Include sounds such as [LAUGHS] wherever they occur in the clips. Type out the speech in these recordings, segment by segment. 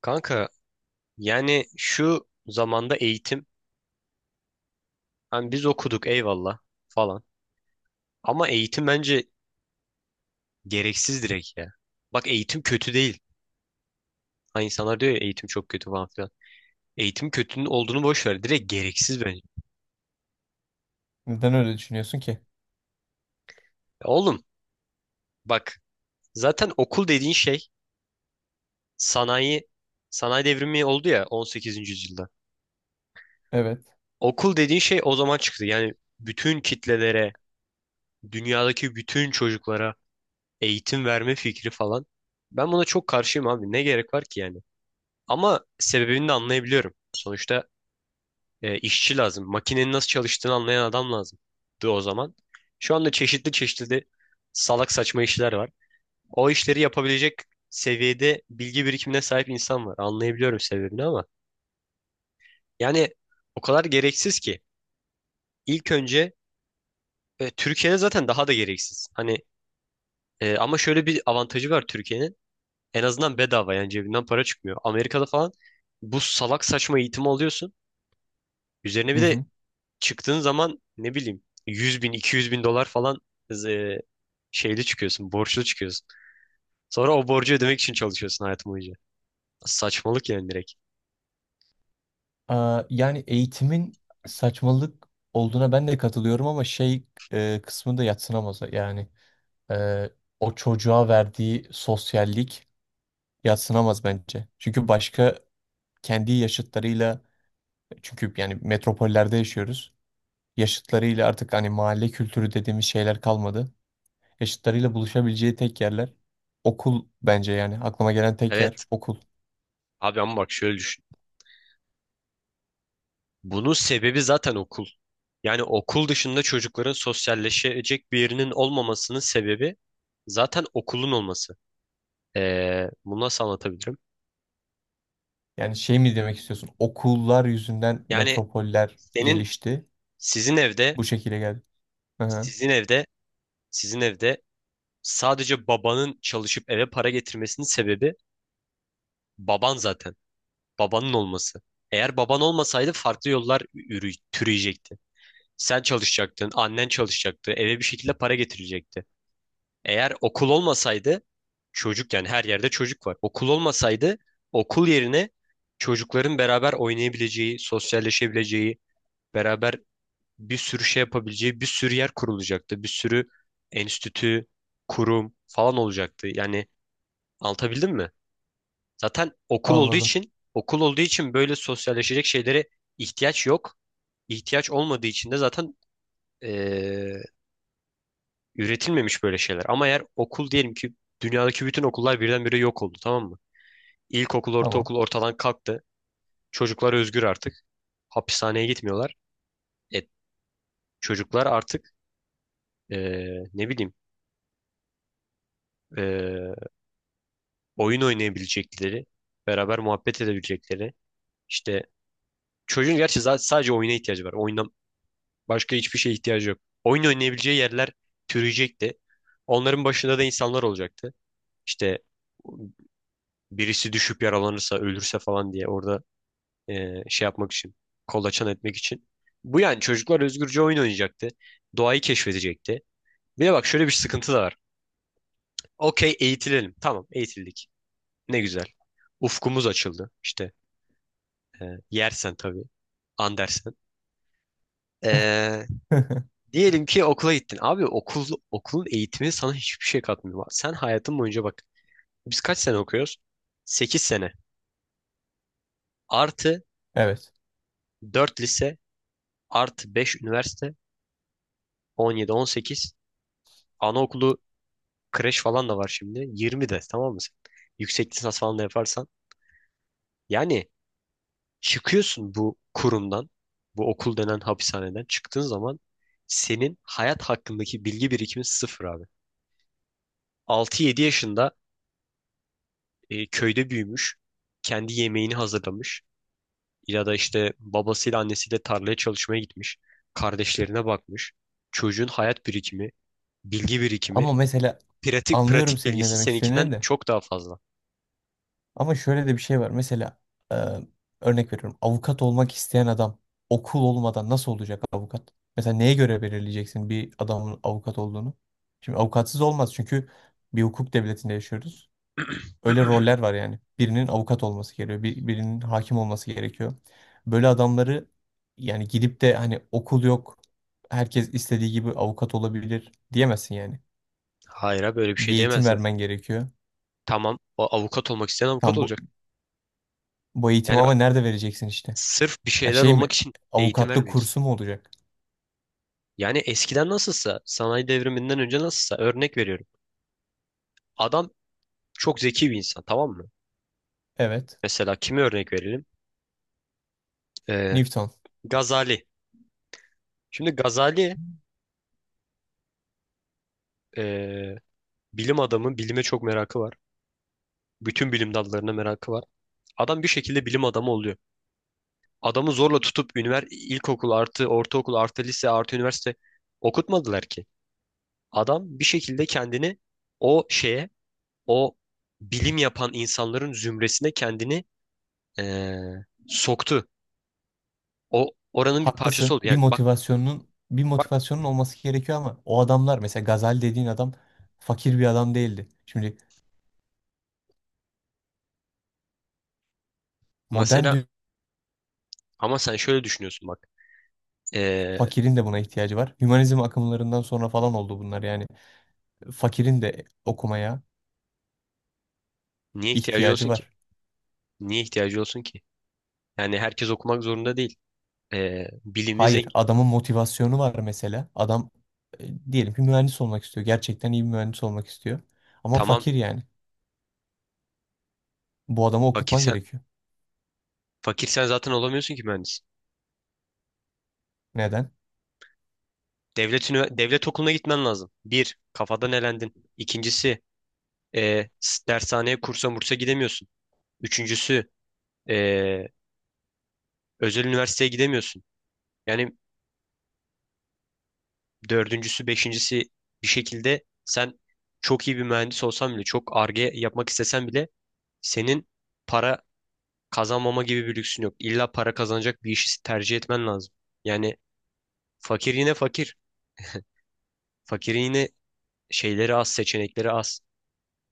Kanka, yani şu zamanda eğitim, hani biz okuduk eyvallah falan, ama eğitim bence gereksiz direkt ya. Bak, eğitim kötü değil. Hani insanlar diyor ya eğitim çok kötü falan filan. Eğitim kötünün olduğunu boş ver. Direkt gereksiz bence. Neden öyle düşünüyorsun ki? Ya oğlum, bak, zaten okul dediğin şey, sanayi sanayi devrimi oldu ya 18. yüzyılda. Evet. Okul dediğin şey o zaman çıktı. Yani bütün kitlelere, dünyadaki bütün çocuklara eğitim verme fikri falan. Ben buna çok karşıyım abi. Ne gerek var ki yani? Ama sebebini de anlayabiliyorum. Sonuçta işçi lazım. Makinenin nasıl çalıştığını anlayan adam lazımdı o zaman. Şu anda çeşitli çeşitli de salak saçma işler var. O işleri yapabilecek seviyede bilgi birikimine sahip insan var. Anlayabiliyorum sebebini, ama yani o kadar gereksiz ki. İlk önce Türkiye'de zaten daha da gereksiz. Hani ama şöyle bir avantajı var Türkiye'nin. En azından bedava, yani cebinden para çıkmıyor. Amerika'da falan bu salak saçma eğitimi alıyorsun. Üzerine Hı bir de hı. çıktığın zaman ne bileyim 100 bin 200 bin dolar falan, e, şeyli çıkıyorsun, borçlu çıkıyorsun. Sonra o borcu ödemek için çalışıyorsun hayatım boyunca. Saçmalık yani direkt. Aa, yani eğitimin saçmalık olduğuna ben de katılıyorum ama kısmı da yadsınamaz. E, O çocuğa verdiği sosyallik yadsınamaz bence. Çünkü başka kendi yaşıtlarıyla, çünkü yani metropollerde yaşıyoruz. Yaşıtlarıyla artık hani mahalle kültürü dediğimiz şeyler kalmadı. Yaşıtlarıyla buluşabileceği tek yerler okul, bence yani aklıma gelen tek yer Evet okul. abi, ama bak şöyle düşün. Bunun sebebi zaten okul. Yani okul dışında çocukların sosyalleşecek bir yerinin olmamasının sebebi zaten okulun olması. Bunu nasıl anlatabilirim? Yani şey mi demek istiyorsun? Okullar yüzünden Yani metropoller senin gelişti. sizin evde Bu şekilde geldi. Hı hı, Sizin evde, sizin evde sadece babanın çalışıp eve para getirmesinin sebebi baban zaten. Babanın olması. Eğer baban olmasaydı farklı yollar türüyecekti. Sen çalışacaktın, annen çalışacaktı, eve bir şekilde para getirecekti. Eğer okul olmasaydı, çocuk, yani her yerde çocuk var. Okul olmasaydı, okul yerine çocukların beraber oynayabileceği, sosyalleşebileceği, beraber bir sürü şey yapabileceği bir sürü yer kurulacaktı. Bir sürü enstitü, kurum falan olacaktı. Yani, anlatabildim mi? Zaten okul olduğu anladım. için okul olduğu için böyle sosyalleşecek şeylere ihtiyaç yok. İhtiyaç olmadığı için de zaten eee, üretilmemiş böyle şeyler. Ama eğer okul, diyelim ki dünyadaki bütün okullar birdenbire yok oldu, tamam mı? İlkokul, Tamam. ortaokul ortadan kalktı. Çocuklar özgür artık. Hapishaneye gitmiyorlar. E, Çocuklar artık ne bileyim, eee, oyun oynayabilecekleri, beraber muhabbet edebilecekleri. İşte çocuğun gerçi sadece oyuna ihtiyacı var. Oyundan başka hiçbir şeye ihtiyacı yok. Oyun oynayabileceği yerler türeyecekti. Onların başında da insanlar olacaktı. İşte birisi düşüp yaralanırsa, ölürse falan diye orada şey yapmak için, kolaçan etmek için. Bu, yani çocuklar özgürce oyun oynayacaktı. Doğayı keşfedecekti. Bir de bak, şöyle bir sıkıntı da var. Okey, eğitilelim. Tamam, eğitildik. Ne güzel. Ufkumuz açıldı. İşte, e, yersen tabii. Andersen. Ee, [LAUGHS] Diyelim ki okula gittin. Abi okulun eğitimi sana hiçbir şey katmıyor. Sen hayatın boyunca bak. Biz kaç sene okuyoruz? 8 sene. Artı Evet. 4 lise, artı 5 üniversite, 17 18. Anaokulu, kreş falan da var şimdi. 20 de, tamam mı sen? Yüksek lisans falan da yaparsan. Yani çıkıyorsun bu kurumdan, bu okul denen hapishaneden çıktığın zaman senin hayat hakkındaki bilgi birikimin sıfır abi. 6 7 yaşında, köyde büyümüş. Kendi yemeğini hazırlamış. Ya da işte babasıyla annesiyle tarlaya çalışmaya gitmiş. Kardeşlerine bakmış. Çocuğun hayat birikimi, bilgi birikimi, Ama mesela pratik anlıyorum pratik senin ne bilgisi demek seninkinden istediğini de. çok daha fazla. Ama şöyle de bir şey var. Mesela e, örnek veriyorum. Avukat olmak isteyen adam okul olmadan nasıl olacak avukat? Mesela neye göre belirleyeceksin bir adamın avukat olduğunu? Şimdi avukatsız olmaz, çünkü bir hukuk devletinde yaşıyoruz. Öyle roller var yani. Birinin avukat olması gerekiyor, birinin hakim olması gerekiyor. Böyle adamları, yani gidip de hani okul yok, herkes istediği gibi avukat olabilir diyemezsin yani. Hayır abi, böyle bir Bir şey eğitim diyemezsin zaten. vermen gerekiyor. Tamam, o avukat olmak isteyen avukat Tam bu, olacak. Bu eğitimi Yani bak, ama nerede vereceksin işte? sırf bir Ya şeyler şey olmak mi? için eğitim Avukatlık vermeyeceksin. kursu mu olacak? Yani eskiden nasılsa, sanayi devriminden önce nasılsa, örnek veriyorum. Adam çok zeki bir insan, tamam mı? Evet. Mesela kimi örnek verelim? Ee, Newton. Gazali. Şimdi Gazali eee, bilim adamı, bilime çok merakı var. Bütün bilim dallarına merakı var. Adam bir şekilde bilim adamı oluyor. Adamı zorla tutup ilkokul artı ortaokul artı lise artı üniversite okutmadılar ki. Adam bir şekilde kendini o şeye, o bilim yapan insanların zümresine kendini soktu. O, oranın bir parçası Haklısın. oldu. Yani bak Bir bak motivasyonun olması gerekiyor, ama o adamlar mesela Gazali dediğin adam fakir bir adam değildi. Şimdi modern, mesela, ama sen şöyle düşünüyorsun bak. Eee, fakirin de buna ihtiyacı var. Hümanizm akımlarından sonra falan oldu bunlar yani. Fakirin de okumaya Niye ihtiyacı ihtiyacı olsun ki? var. Niye ihtiyacı olsun ki? Yani herkes okumak zorunda değil. Bilimi Hayır, zengin. adamın motivasyonu var mesela. Adam diyelim ki mühendis olmak istiyor. Gerçekten iyi bir mühendis olmak istiyor. Ama Tamam, fakir yani. Bu adamı okutman fakirsen gerekiyor. fakirsen zaten olamıyorsun ki mühendis. Neden? Devlet, devlet okuluna gitmen lazım. Bir, kafadan elendin. İkincisi, dershaneye kursa mursa gidemiyorsun. Üçüncüsü, e, özel üniversiteye gidemiyorsun. Yani dördüncüsü, beşincisi, bir şekilde sen çok iyi bir mühendis olsan bile, çok arge yapmak istesen bile senin para kazanmama gibi bir lüksün yok. İlla para kazanacak bir işi tercih etmen lazım. Yani fakir yine fakir. Fakirin yine şeyleri az, seçenekleri az.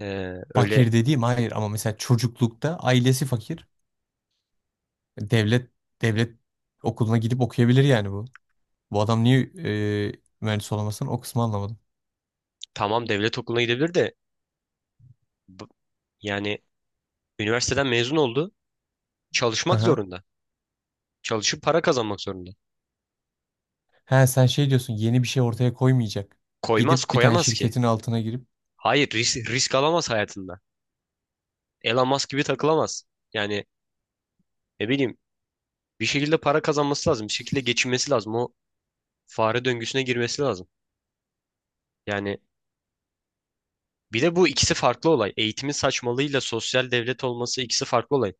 Öyle, Fakir dediğim hayır, ama mesela çocuklukta ailesi fakir. Devlet Devlet okuluna gidip okuyabilir yani bu. Bu adam niye e, mühendis olamasın, o kısmı anlamadım. tamam devlet okuluna gidebilir de, bu- yani üniversiteden mezun oldu. Çalışmak [LAUGHS] zorunda. Çalışıp para kazanmak zorunda. He sen şey diyorsun, yeni bir şey ortaya koymayacak. Koymaz, Gidip bir tane koyamaz ki. şirketin altına girip Hayır, risk alamaz hayatında. Elon Musk gibi takılamaz. Yani ne bileyim, bir şekilde para kazanması lazım. Bir şekilde geçinmesi lazım. O fare döngüsüne girmesi lazım. Yani bir de bu ikisi farklı olay. Eğitimin saçmalığıyla sosyal devlet olması ikisi farklı olay.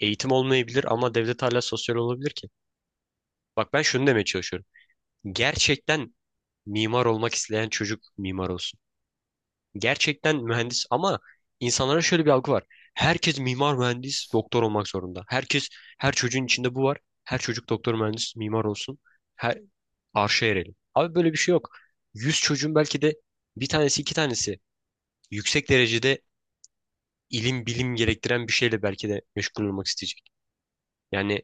Eğitim olmayabilir ama devlet hala sosyal olabilir ki. Bak, ben şunu demeye çalışıyorum. Gerçekten mimar olmak isteyen çocuk mimar olsun. Gerçekten mühendis, ama insanlara şöyle bir algı var. Herkes mimar, mühendis, doktor olmak zorunda. Herkes, her çocuğun içinde bu var. Her çocuk doktor, mühendis, mimar olsun. Her arşa erelim. Abi böyle bir şey yok. 100 çocuğun belki de bir tanesi, iki tanesi yüksek derecede ilim, bilim gerektiren bir şeyle belki de meşgul olmak isteyecek. Yani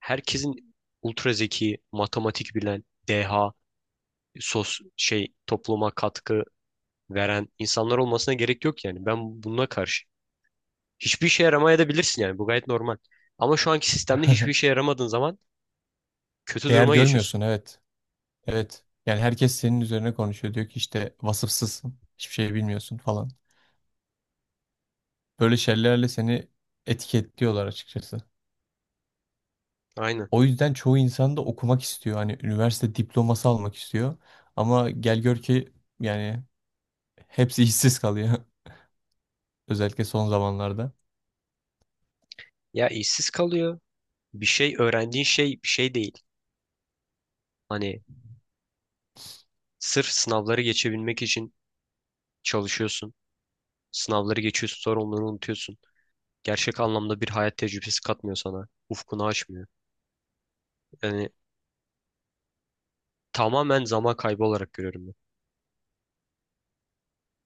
herkesin ultra zeki, matematik bilen, deha, şey topluma katkı veren insanlar olmasına gerek yok yani. Ben buna karşı. Hiçbir işe yaramaya da bilirsin yani. Bu gayet normal. Ama şu anki sistemde hiçbir işe [LAUGHS] yaramadığın zaman kötü değer duruma geçiyorsun. görmüyorsun, evet. Evet. Yani herkes senin üzerine konuşuyor. Diyor ki işte vasıfsızsın. Hiçbir şey bilmiyorsun falan. Böyle şeylerle seni etiketliyorlar açıkçası. Aynen. O yüzden çoğu insan da okumak istiyor. Hani üniversite diploması almak istiyor. Ama gel gör ki yani hepsi işsiz kalıyor. [LAUGHS] Özellikle son zamanlarda. Ya işsiz kalıyor. Bir şey öğrendiğin şey bir şey değil. Hani sırf sınavları geçebilmek için çalışıyorsun. Sınavları geçiyorsun, sonra onları unutuyorsun. Gerçek anlamda bir hayat tecrübesi katmıyor sana. Ufkunu açmıyor. Yani tamamen zaman kaybı olarak görüyorum ben.